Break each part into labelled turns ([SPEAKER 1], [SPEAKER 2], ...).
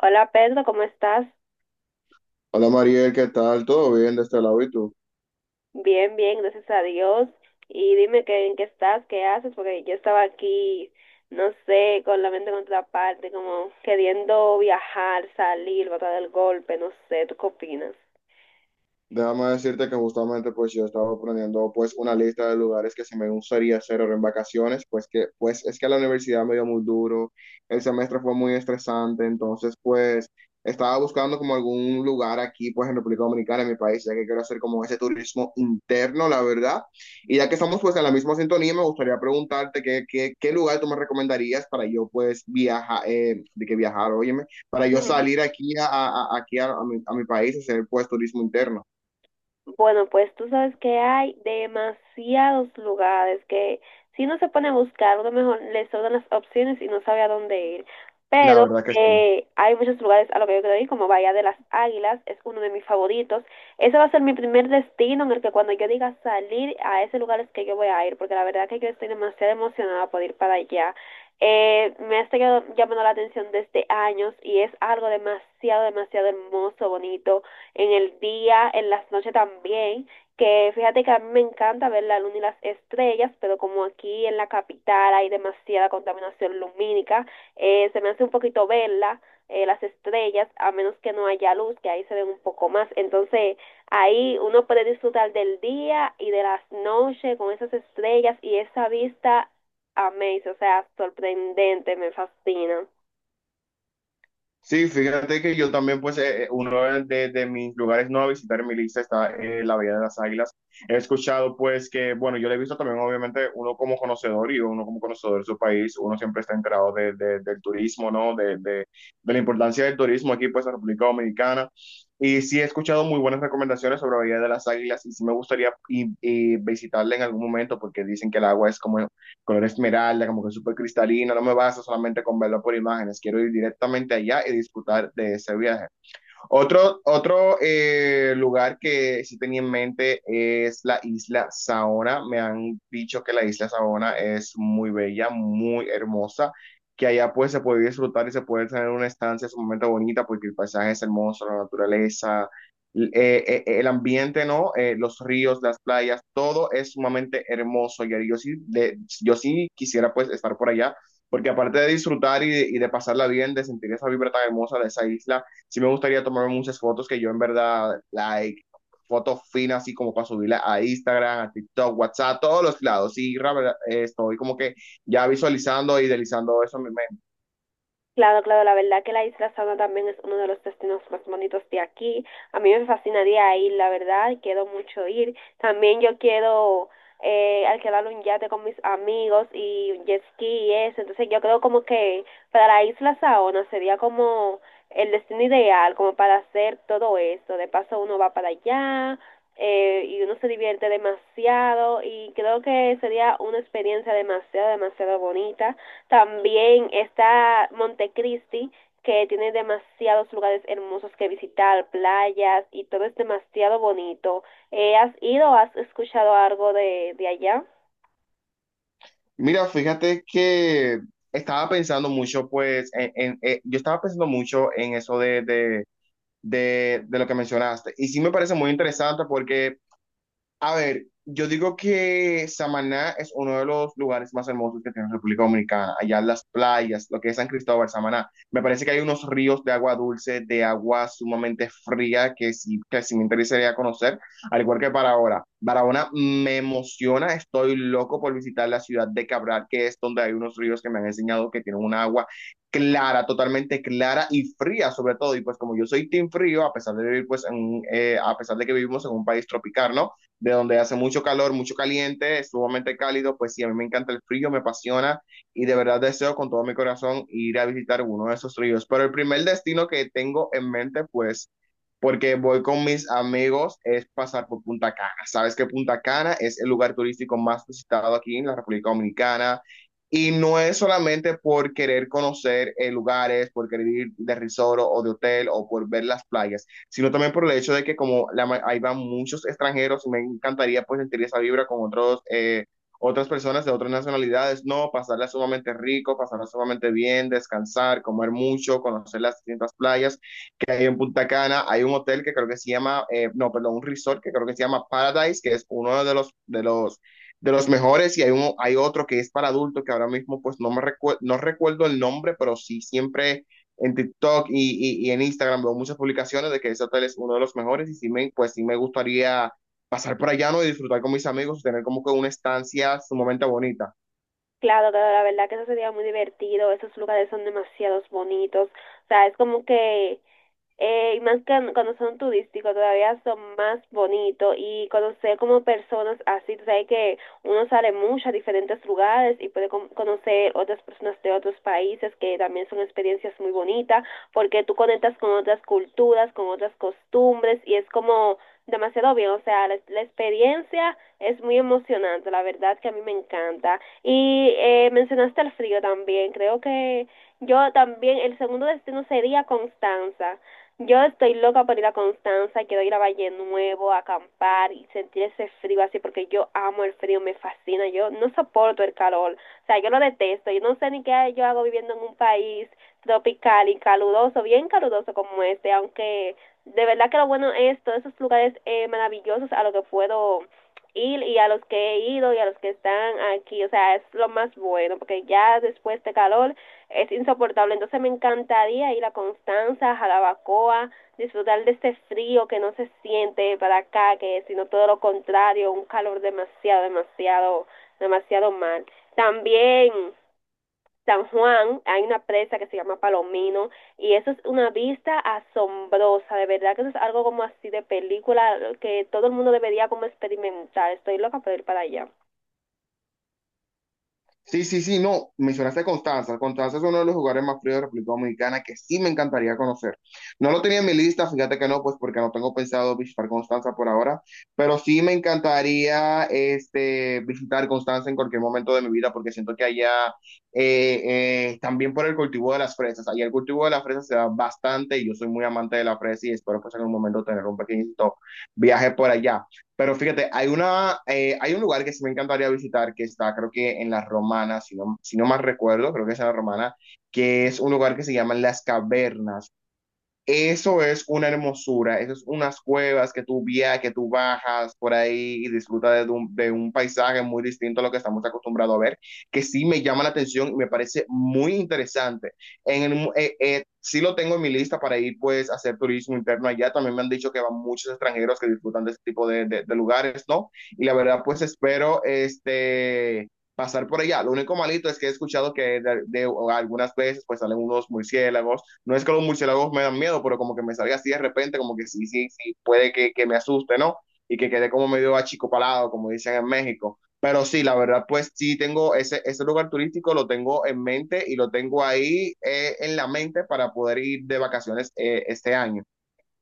[SPEAKER 1] Hola Pedro, ¿cómo estás?
[SPEAKER 2] Hola Mariel, ¿qué tal? ¿Todo bien de este lado y tú?
[SPEAKER 1] Bien, bien, gracias a Dios. Y dime que, en qué estás, qué haces, porque yo estaba aquí, no sé, con la mente en otra parte, como queriendo viajar, salir, botar el golpe, no sé, ¿tú qué opinas?
[SPEAKER 2] Déjame decirte que justamente pues yo estaba planeando pues una lista de lugares que se me gustaría hacer ahora en vacaciones, pues que pues es que la universidad me dio muy duro, el semestre fue muy estresante, entonces pues estaba buscando como algún lugar aquí pues en República Dominicana, en mi país, ya que quiero hacer como ese turismo interno, la verdad. Y ya que estamos pues en la misma sintonía, me gustaría preguntarte qué, qué lugar tú me recomendarías para yo pues viajar, de que viajar, óyeme, para yo
[SPEAKER 1] Ujú.
[SPEAKER 2] salir aquí aquí a mi país y hacer pues turismo interno.
[SPEAKER 1] Bueno, pues tú sabes que hay demasiados lugares que si uno se pone a buscar, uno mejor le sobran las opciones y no sabe a dónde ir.
[SPEAKER 2] La
[SPEAKER 1] Pero
[SPEAKER 2] verdad que sí.
[SPEAKER 1] hay muchos lugares a lo que yo quiero ir, como Bahía de las Águilas, es uno de mis favoritos. Ese va a ser mi primer destino en el que cuando yo diga salir a ese lugar es que yo voy a ir, porque la verdad que yo estoy demasiado emocionada por ir para allá. Me ha estado llamando la atención desde años y es algo demasiado, demasiado hermoso, bonito en el día, en las noches también, que fíjate que a mí me encanta ver la luna y las estrellas, pero como aquí en la capital hay demasiada contaminación lumínica, se me hace un poquito verla, las estrellas, a menos que no haya luz, que ahí se ven un poco más. Entonces, ahí uno puede disfrutar del día y de las noches con esas estrellas y esa vista amazing, o sea, sorprendente, me fascina.
[SPEAKER 2] Sí, fíjate que yo también, pues, uno mis lugares no a visitar en mi lista está la Bahía de las Águilas. He escuchado, pues, que, bueno, yo lo he visto también, obviamente, uno como conocedor y uno como conocedor de su país, uno siempre está enterado del turismo, ¿no? De la importancia del turismo aquí, pues, en República Dominicana. Y sí he escuchado muy buenas recomendaciones sobre la Bahía de las Águilas y sí me gustaría y visitarla en algún momento porque dicen que el agua es como color esmeralda, como que súper cristalino, no me baso solamente con verlo por imágenes, quiero ir directamente allá y disfrutar de ese viaje. Otro lugar que sí tenía en mente es la isla Saona. Me han dicho que la isla Saona es muy bella, muy hermosa, que allá pues se puede disfrutar y se puede tener una estancia sumamente bonita porque el paisaje es hermoso, la naturaleza, el ambiente, ¿no? Los ríos, las playas, todo es sumamente hermoso. Y ahí yo sí, yo sí quisiera pues estar por allá porque aparte de disfrutar y de pasarla bien, de sentir esa vibra tan hermosa de esa isla, sí me gustaría tomarme muchas fotos que yo en verdad, like, fotos finas, así como para subirla a Instagram, a TikTok, WhatsApp, todos los lados. Sí, la verdad, estoy como que ya visualizando y idealizando eso en mi mente.
[SPEAKER 1] Claro, claro, la verdad que la Isla Saona también es uno de los destinos más bonitos de aquí. A mí me fascinaría ir, la verdad, quiero mucho ir. También yo quiero alquilar un yate con mis amigos y un jet ski y eso. Entonces yo creo como que para la Isla Saona sería como el destino ideal, como para hacer todo eso. De paso uno va para allá y uno se divierte demasiado y creo que sería una experiencia demasiado, demasiado bonita. También está Montecristi, que tiene demasiados lugares hermosos que visitar, playas y todo es demasiado bonito. ¿Has ido o has escuchado algo de allá?
[SPEAKER 2] Mira, fíjate que estaba pensando mucho, pues, yo estaba pensando mucho en eso de lo que mencionaste. Y sí me parece muy interesante porque, a ver, yo digo que Samaná es uno de los lugares más hermosos que tiene República Dominicana. Allá las playas, lo que es San Cristóbal, Samaná. Me parece que hay unos ríos de agua dulce, de agua sumamente fría, que sí me interesaría conocer, al igual que Barahona. Barahona me emociona, estoy loco por visitar la ciudad de Cabral, que es donde hay unos ríos que me han enseñado que tienen un agua clara, totalmente clara y fría sobre todo. Y pues como yo soy team frío, a pesar de vivir pues en, a pesar de que vivimos en un país tropical, ¿no? De donde hace mucho calor, mucho caliente, es sumamente cálido, pues sí, a mí me encanta el frío, me apasiona y de verdad deseo con todo mi corazón ir a visitar uno de esos ríos. Pero el primer destino que tengo en mente, pues, porque voy con mis amigos, es pasar por Punta Cana. Sabes que Punta Cana es el lugar turístico más visitado aquí en la República Dominicana. Y no es solamente por querer conocer lugares, por querer ir de resort o de hotel o por ver las playas, sino también por el hecho de que como ahí van muchos extranjeros, me encantaría pues sentir esa vibra con otros, otras personas de otras nacionalidades, no, pasarla sumamente rico, pasarla sumamente bien, descansar, comer mucho, conocer las distintas playas que hay en Punta Cana. Hay un hotel que creo que se llama, no, perdón, un resort que creo que se llama Paradise, que es uno de los mejores, y hay, un, hay otro que es para adultos, que ahora mismo pues no recuerdo el nombre, pero sí siempre en TikTok y en Instagram veo muchas publicaciones de que ese hotel es uno de los mejores, y pues sí me gustaría pasar por allá, ¿no? Y disfrutar con mis amigos, tener como que una estancia sumamente bonita.
[SPEAKER 1] Claro, claro, la verdad que eso sería muy divertido, esos lugares son demasiados bonitos, o sea, es como que y más que cuando son turísticos todavía son más bonitos y conocer como personas así, tú sabes que uno sale mucho a diferentes lugares y puede conocer otras personas de otros países que también son experiencias muy bonitas porque tú conectas con otras culturas, con otras costumbres y es como demasiado bien, o sea, la experiencia es muy emocionante, la verdad que a mí me encanta. Y mencionaste el frío también, creo que yo también, el segundo destino sería Constanza. Yo estoy loca por ir a Constanza, quiero ir a Valle Nuevo, a acampar y sentir ese frío así, porque yo amo el frío, me fascina, yo no soporto el calor, o sea, yo lo detesto, yo no sé ni qué yo hago viviendo en un país tropical y caluroso, bien caluroso como este, aunque de verdad que lo bueno es todos esos lugares maravillosos a los que puedo ir y a los que he ido y a los que están aquí, o sea, es lo más bueno, porque ya después de calor es insoportable. Entonces me encantaría ir a Constanza, Jalabacoa, disfrutar de este frío que no se siente para acá, que sino todo lo contrario, un calor demasiado, demasiado, demasiado mal. También San Juan, hay una presa que se llama Palomino y eso es una vista asombrosa, de verdad que eso es algo como así de película que todo el mundo debería como experimentar. Estoy loca por ir para allá.
[SPEAKER 2] Sí, sí, sí, no, mencionaste a Constanza. Constanza es uno de los jugadores más fríos de República Dominicana que sí me encantaría conocer. No lo tenía en mi lista, fíjate que no, pues porque no tengo pensado visitar Constanza por ahora, pero sí me encantaría este, visitar Constanza en cualquier momento de mi vida porque siento que allá, eh, también por el cultivo de las fresas, allá el cultivo de las fresas se da bastante y yo soy muy amante de la fresa y espero pues en algún momento tener un pequeñito viaje por allá. Pero fíjate, hay una, hay un lugar que sí me encantaría visitar, que está creo que en La Romana, si no, si no mal recuerdo, creo que es en La Romana, que es un lugar que se llama Las Cavernas. Eso es una hermosura, eso es unas cuevas que tú viajas, que tú bajas por ahí y disfrutas de un paisaje muy distinto a lo que estamos acostumbrados a ver, que sí me llama la atención y me parece muy interesante. Sí lo tengo en mi lista para ir pues a hacer turismo interno allá, también me han dicho que van muchos extranjeros que disfrutan de este tipo de lugares, ¿no? Y la verdad pues espero este pasar por allá. Lo único malito es que he escuchado que de algunas veces pues salen unos murciélagos. No es que los murciélagos me dan miedo, pero como que me salga así de repente, como que sí, sí, sí, puede que me asuste, ¿no? Y que quede como medio achicopalado, como dicen en México. Pero sí, la verdad, pues sí tengo ese lugar turístico, lo tengo en mente y lo tengo ahí en la mente para poder ir de vacaciones este año.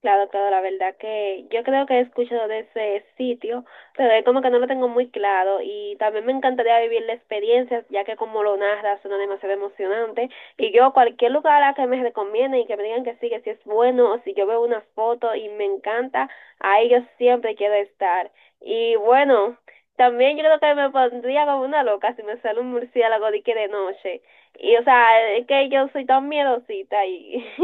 [SPEAKER 1] Claro, claro, la verdad que yo creo que he escuchado de ese sitio, pero es como que no lo tengo muy claro y también me encantaría vivir la experiencia, ya que como lo narras suena demasiado emocionante y yo cualquier lugar a que me recomienden y que me digan que sí es bueno o si yo veo una foto y me encanta, ahí yo siempre quiero estar. Y bueno, también yo creo que me pondría como una loca si me sale un murciélago de que de noche. Y o sea, es que yo soy tan miedosita y...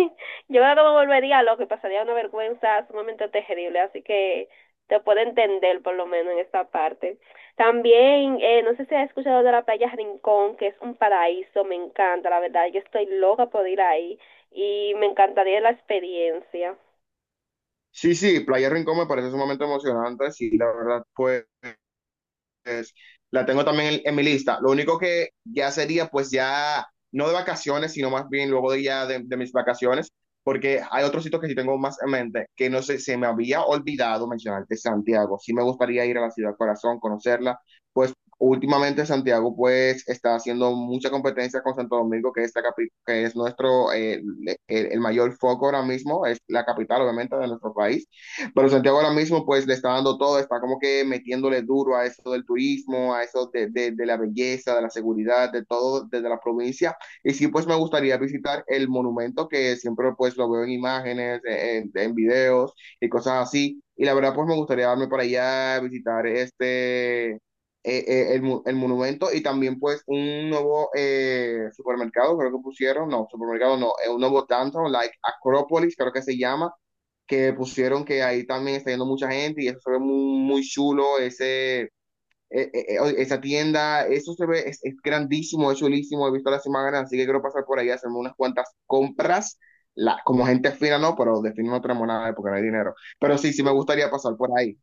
[SPEAKER 1] Yo creo que me volvería loco y pasaría una vergüenza sumamente terrible, así que te puedo entender por lo menos en esta parte. También, no sé si has escuchado de la playa Rincón, que es un paraíso, me encanta, la verdad, yo estoy loca por ir ahí y me encantaría la experiencia.
[SPEAKER 2] Sí, sí, Playa Rincón me parece sumamente emocionante, sí, la verdad, pues la tengo también en mi lista. Lo único que ya sería, pues ya, no de vacaciones, sino más bien luego de ya de mis vacaciones, porque hay otros sitios que sí tengo más en mente, que no sé, se me había olvidado mencionarte Santiago. Sí me gustaría ir a la ciudad corazón, conocerla, pues. Últimamente Santiago pues está haciendo mucha competencia con Santo Domingo, que es, que es nuestro, el mayor foco ahora mismo, es la capital obviamente de nuestro país. Pero Santiago ahora mismo pues le está dando todo, está como que metiéndole duro a eso del turismo, a eso de la belleza, de la seguridad, de todo desde la provincia. Y sí pues me gustaría visitar el monumento que siempre pues lo veo en imágenes, en videos y cosas así. Y la verdad pues me gustaría darme para allá, visitar este... El monumento y también pues un nuevo supermercado, creo que pusieron, no, supermercado no, un nuevo downtown, like Acropolis, creo que se llama, que pusieron, que ahí también está yendo mucha gente y eso se ve muy, muy chulo, ese, esa tienda, eso se ve, es grandísimo, es chulísimo, he visto las imágenes, así que quiero pasar por ahí a hacerme unas cuantas compras, la, como gente fina no, pero de fin no tenemos nada porque no hay dinero, pero sí, sí me gustaría pasar por ahí.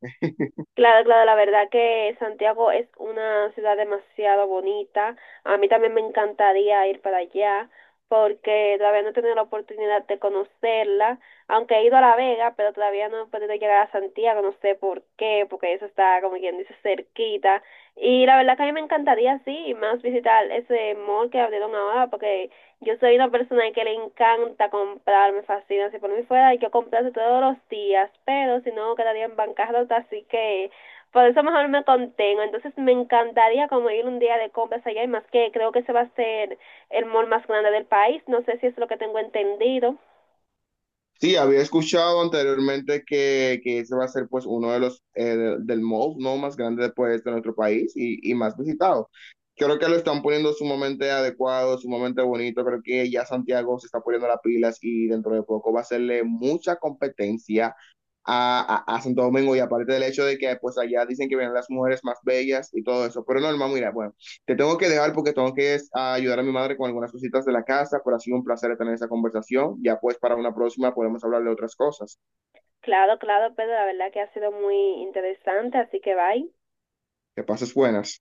[SPEAKER 1] Claro, claro, la verdad que Santiago es una ciudad demasiado bonita. A mí también me encantaría ir para allá porque todavía no he tenido la oportunidad de conocerla, aunque he ido a La Vega, pero todavía no he podido llegar a Santiago, no sé por qué, porque eso está, como quien dice, cerquita. Y la verdad que a mí me encantaría, sí, y más visitar ese mall que abrieron ahora, porque yo soy una persona que le encanta comprar, me fascina. Si por mí fuera, hay que comprarse todos los días, pero si no, quedaría en bancarrota, así que por eso mejor me contengo. Entonces, me encantaría como ir un día de compras allá, y más que creo que ese va a ser el mall más grande del país. No sé si es lo que tengo entendido.
[SPEAKER 2] Sí, había escuchado anteriormente que ese va a ser pues uno de los del mall no más grande pues, de nuestro país y más visitado. Creo que lo están poniendo sumamente adecuado, sumamente bonito. Creo que ya Santiago se está poniendo las pilas y dentro de poco va a hacerle mucha competencia a Santo Domingo y aparte del hecho de que pues allá dicen que vienen las mujeres más bellas y todo eso, pero normal, mira, bueno, te tengo que dejar porque tengo que es, a ayudar a mi madre con algunas cositas de la casa, pero ha sido un placer tener esa conversación. Ya pues para una próxima podemos hablar de otras cosas.
[SPEAKER 1] Claro, claro, pero la verdad que ha sido muy interesante, así que bye.
[SPEAKER 2] Que pases buenas.